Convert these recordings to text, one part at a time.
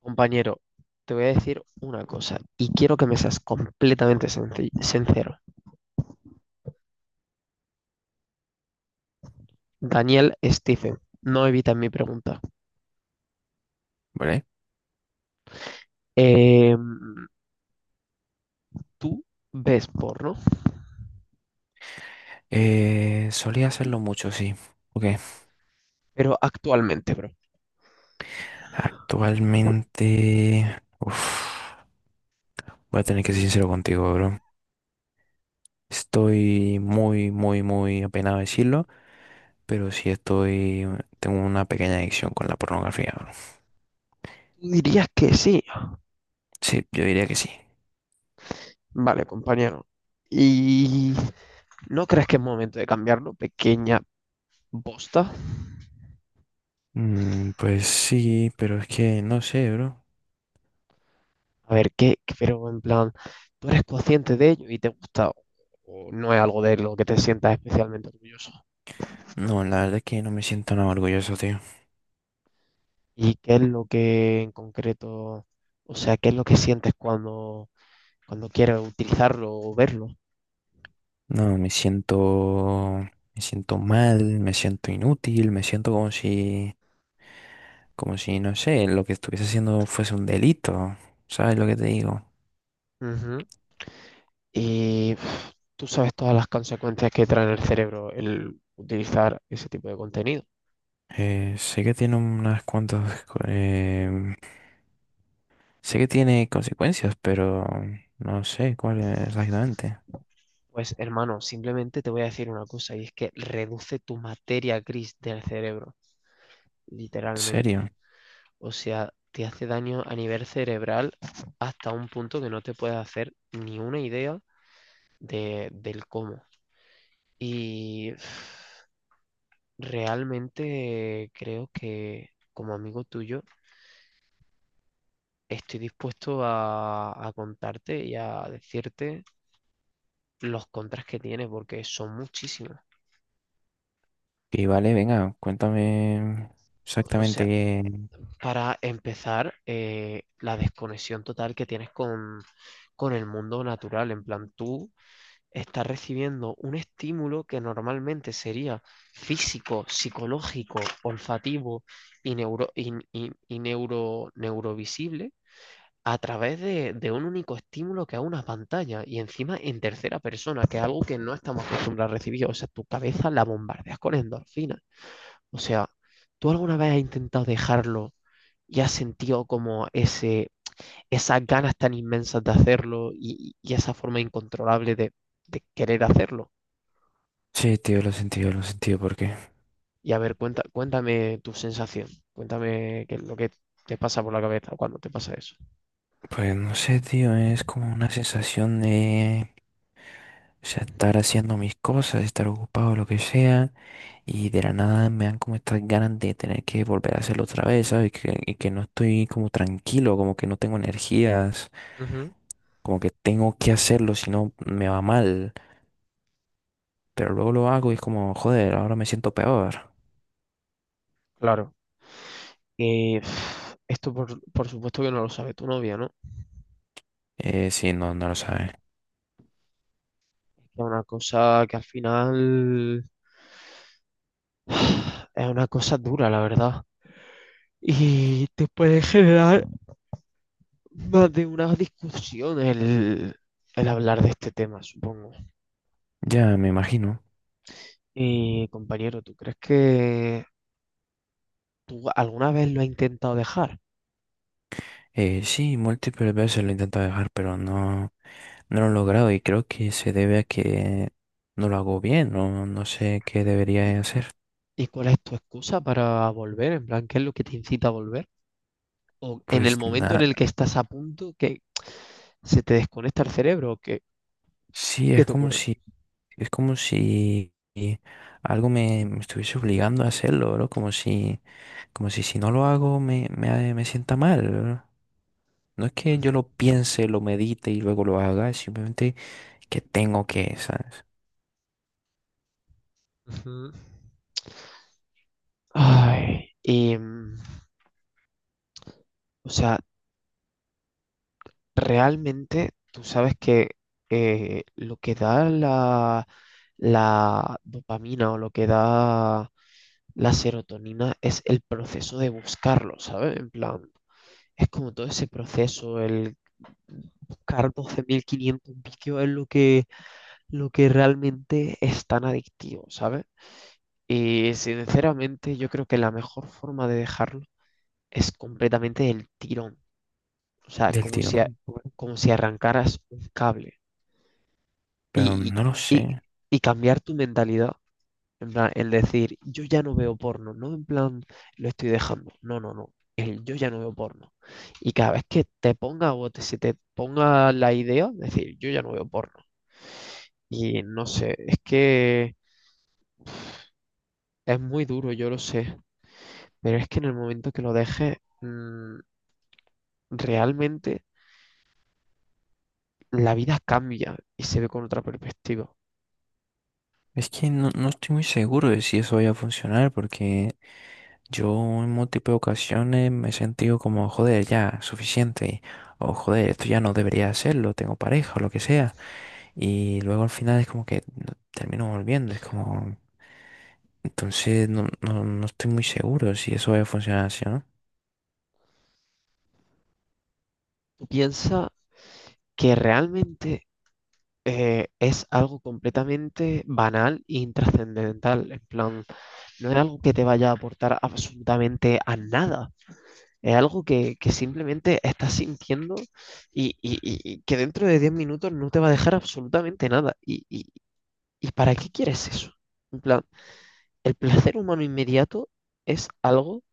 Compañero, te voy a decir una cosa y quiero que me seas completamente sincero. Daniel Stephen, no evitas mi pregunta. ¿Vale? Eh, ¿Tú ves porno? Solía hacerlo mucho, sí. Ok. Pero actualmente, bro. Actualmente. Uf, voy a tener que ser sincero contigo, bro. Estoy muy, muy, muy apenado de decirlo, pero sí estoy. Tengo una pequeña adicción con la pornografía, bro. ¿Tú dirías que sí? Sí, yo diría que sí. Vale, compañero. ¿Y no crees que es momento de cambiarlo, pequeña bosta? Pues sí, pero es que no sé, bro. A ver, ¿qué? Pero en plan, ¿tú eres consciente de ello y te gusta o no es algo de lo que te sientas especialmente orgulloso? No, la verdad es que no me siento nada orgulloso, tío. ¿Y qué es lo que en concreto, o sea, qué es lo que sientes cuando quieres utilizarlo o verlo? No, me siento. Me siento mal, me siento inútil, me siento como si. Como si, no sé, lo que estuviese haciendo fuese un delito. ¿Sabes lo que te digo? Ujú. Y pf, tú sabes todas las consecuencias que trae en el cerebro el utilizar ese tipo de contenido. Sé que tiene unas cuantas, sé que tiene consecuencias, pero no sé cuál exactamente. Pues hermano, simplemente te voy a decir una cosa y es que reduce tu materia gris del cerebro, En literalmente. serio. O sea, te hace daño a nivel cerebral hasta un punto que no te puedes hacer ni una idea de, del cómo. Y realmente creo que como amigo tuyo estoy dispuesto a contarte y a decirte los contras que tiene porque son muchísimos. Y vale, venga, cuéntame O exactamente sea, qué. para empezar, la desconexión total que tienes con el mundo natural. En plan, tú estás recibiendo un estímulo que normalmente sería físico, psicológico, olfativo y neurovisible a través de un único estímulo que a una pantalla y encima en tercera persona, que es algo que no estamos acostumbrados a recibir. O sea, tu cabeza la bombardeas con endorfinas. O sea, ¿tú alguna vez has intentado dejarlo y has sentido como esas ganas tan inmensas de hacerlo y esa forma incontrolable de querer hacerlo? Sí, tío, lo he sentido, ¿por qué? Y a ver, cuenta, cuéntame tu sensación, cuéntame qué es lo que te pasa por la cabeza cuando te pasa eso. Pues no sé, tío, es como una sensación de. O sea, estar haciendo mis cosas, estar ocupado, lo que sea. Y de la nada me dan como estas ganas de tener que volver a hacerlo otra vez, ¿sabes? Y que no estoy como tranquilo, como que no tengo energías, Ujú. como que tengo que hacerlo, si no me va mal. Pero luego lo hago y es como, joder, ahora me siento peor. Claro. Que pf, esto por supuesto que no lo sabe tu novia, ¿no? Sí, no, no lo sabes. Es una cosa que al final es una cosa dura, la verdad. Y te puede generar más de una discusión el hablar de este tema, supongo. Ya, me imagino. Y compañero, ¿tú crees que tú alguna vez lo has intentado dejar? Sí, múltiples veces lo he intentado dejar, pero no, no lo he logrado y creo que se debe a que no lo hago bien, no, no sé qué debería hacer. ¿Y cuál es tu excusa para volver? En plan, ¿qué es lo que te incita a volver? ¿O en el Pues momento en nada. el que estás a punto, que se te desconecta el cerebro o qué, Sí, qué es te como ocurre? si, es como si algo me estuviese obligando a hacerlo, ¿no? Como si si no lo hago me sienta mal, ¿no? No es que yo Ujú. lo piense, lo medite y luego lo haga, es simplemente que tengo que, ¿sabes? Ujú. Ay, y, o sea, realmente tú sabes que lo que da la, la dopamina o lo que da la serotonina es el proceso de buscarlo, ¿sabes? En plan, es como todo ese proceso, el buscar 12.500 vídeos es lo que realmente es tan adictivo, ¿sabes? Y sinceramente yo creo que la mejor forma de dejarlo es completamente el tirón. O sea, Del como si, tirón. Bueno, como si arrancaras un cable pero y, no lo y, y- sé. y cambiar tu mentalidad. En plan, el decir, yo ya no veo porno, no en plan, lo estoy dejando. No, no, no. El yo ya no veo porno. Y cada vez que te ponga o se te ponga la idea, decir, yo ya no veo porno. Y no sé, es que es muy duro, yo lo sé. Pero es que en el momento que lo dejes, realmente la vida cambia y se ve con otra perspectiva. Es que no, no estoy muy seguro de si eso vaya a funcionar porque yo en múltiples ocasiones me he sentido como, joder, ya, suficiente. O joder, esto ya no debería hacerlo, tengo pareja o lo que sea. Y luego al final es como que termino volviendo, es como. Entonces no, no, no estoy muy seguro si eso va a funcionar así, ¿no? Tú piensa que realmente es algo completamente banal e intrascendental. En plan, no es algo que te vaya a aportar absolutamente a nada. Es algo que simplemente estás sintiendo y que dentro de 10 minutos no te va a dejar absolutamente nada. ¿Y, y para qué quieres eso? En plan, el placer humano inmediato es algo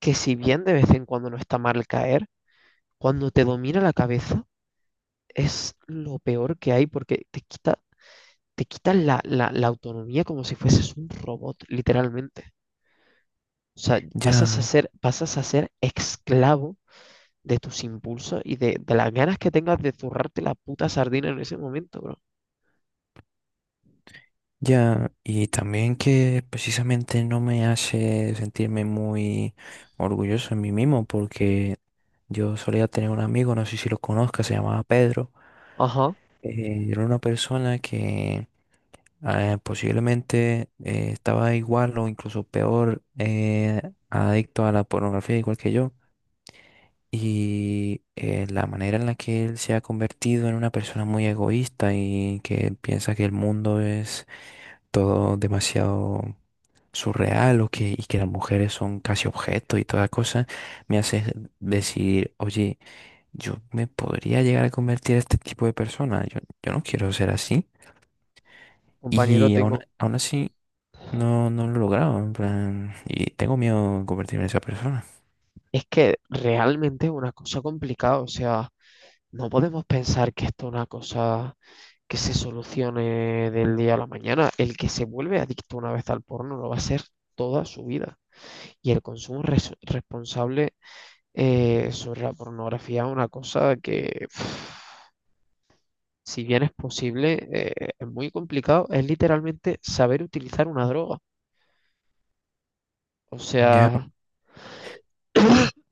que si bien de vez en cuando no está mal caer, cuando te domina la cabeza es lo peor que hay porque te quitan la autonomía como si fueses un robot, literalmente. O sea, Ya, pasas a ser esclavo de tus impulsos y de las ganas que tengas de zurrarte la puta sardina en ese momento, bro. ya. Y también que precisamente no me hace sentirme muy orgulloso en mí mismo porque yo solía tener un amigo, no sé si lo conozcas, se llamaba Pedro. Ajá, Era una persona que posiblemente estaba igual o incluso peor, adicto a la pornografía igual que yo. Y la manera en la que él se ha convertido en una persona muy egoísta y que piensa que el mundo es todo demasiado surreal o que, y que las mujeres son casi objetos y toda cosa, me hace decir, oye, yo me podría llegar a convertir en este tipo de persona, yo no quiero ser así. compañero, Y aún, tengo. a- aún así no, no lo he logrado, en plan, y tengo miedo de convertirme en esa persona. Es que realmente es una cosa complicada. O sea, no podemos pensar que esto es una cosa que se solucione del día a la mañana. El que se vuelve adicto una vez al porno lo va a ser toda su vida. Y el consumo responsable sobre la pornografía, una cosa que, pf, si bien es posible, es muy complicado, es literalmente saber utilizar una droga. O Ya. sea,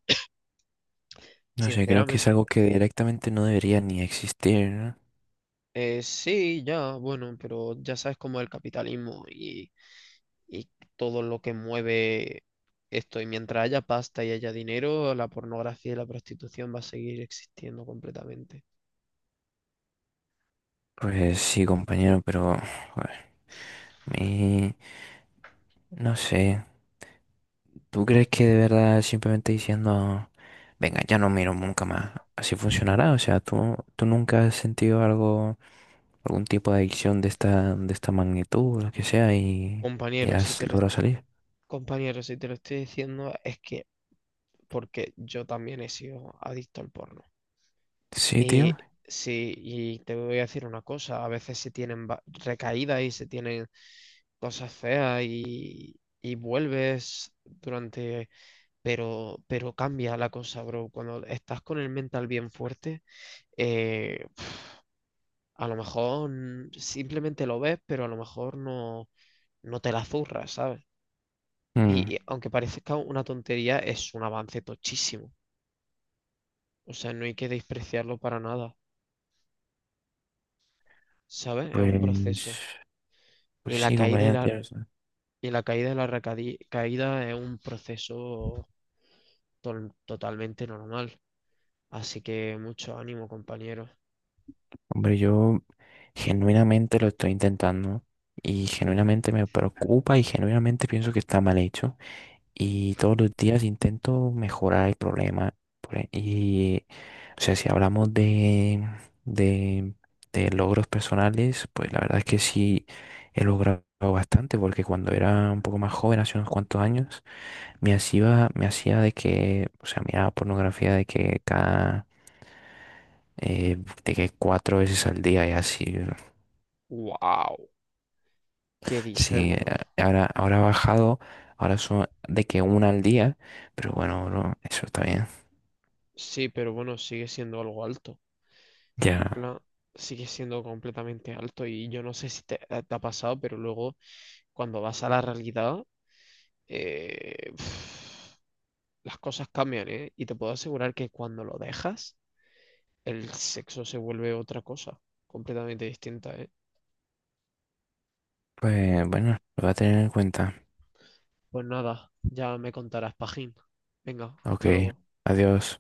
No sé, creo que sinceramente, es algo que directamente no debería ni existir, ¿no? Sí, ya, bueno, pero ya sabes cómo es el capitalismo y todo lo que mueve esto. Y mientras haya pasta y haya dinero, la pornografía y la prostitución va a seguir existiendo completamente. Pues sí, compañero, pero joder, mi- no sé. ¿Tú crees que de verdad simplemente diciendo, venga, ya no miro nunca más, así funcionará? O sea, ¿tú nunca has sentido algún tipo de adicción de esta magnitud, lo que sea, y Compañeros, si has te lo, logrado salir? compañeros, si te lo estoy diciendo, es que porque yo también he sido adicto al porno. Sí, Y tío. sí, y te voy a decir una cosa, a veces se tienen recaídas y se tienen cosas feas y vuelves durante... pero cambia la cosa, bro. Cuando estás con el mental bien fuerte, eh, a lo mejor simplemente lo ves, pero a lo mejor no, no te la zurras, ¿sabes? Mm, Y aunque parezca una tontería, es un avance tochísimo. O sea, no hay que despreciarlo para nada. ¿Sabes? Es un proceso. pues, pues Y la sí, caída compañero, tío. O sea, y la caída y la caída es un proceso totalmente normal. Así que mucho ánimo, compañero. hombre, yo genuinamente lo estoy intentando y genuinamente me preocupa y genuinamente pienso que está mal hecho y todos los días intento mejorar el problema. Y, o sea, si hablamos de, de logros personales, pues la verdad es que sí he logrado bastante porque cuando era un poco más joven, hace unos cuantos años, me hacía de que, o sea, miraba pornografía de que cada. eh, de que cuatro veces al día y así. ¡Wow! ¿Qué dice Sí, bro? ahora, ha bajado, ahora son de que una al día, pero bueno, bro, eso está bien. Sí, pero bueno, sigue siendo algo alto. En Ya, plan, sigue siendo completamente alto. Y yo no sé si te, te ha pasado, pero luego cuando vas a la realidad, eh, las cosas cambian, ¿eh? Y te puedo asegurar que cuando lo dejas el sexo se vuelve otra cosa, completamente distinta, ¿eh? pues bueno, lo voy a tener en cuenta. Pues nada, ya me contarás, Pajín. Venga, Ok, hasta luego. adiós.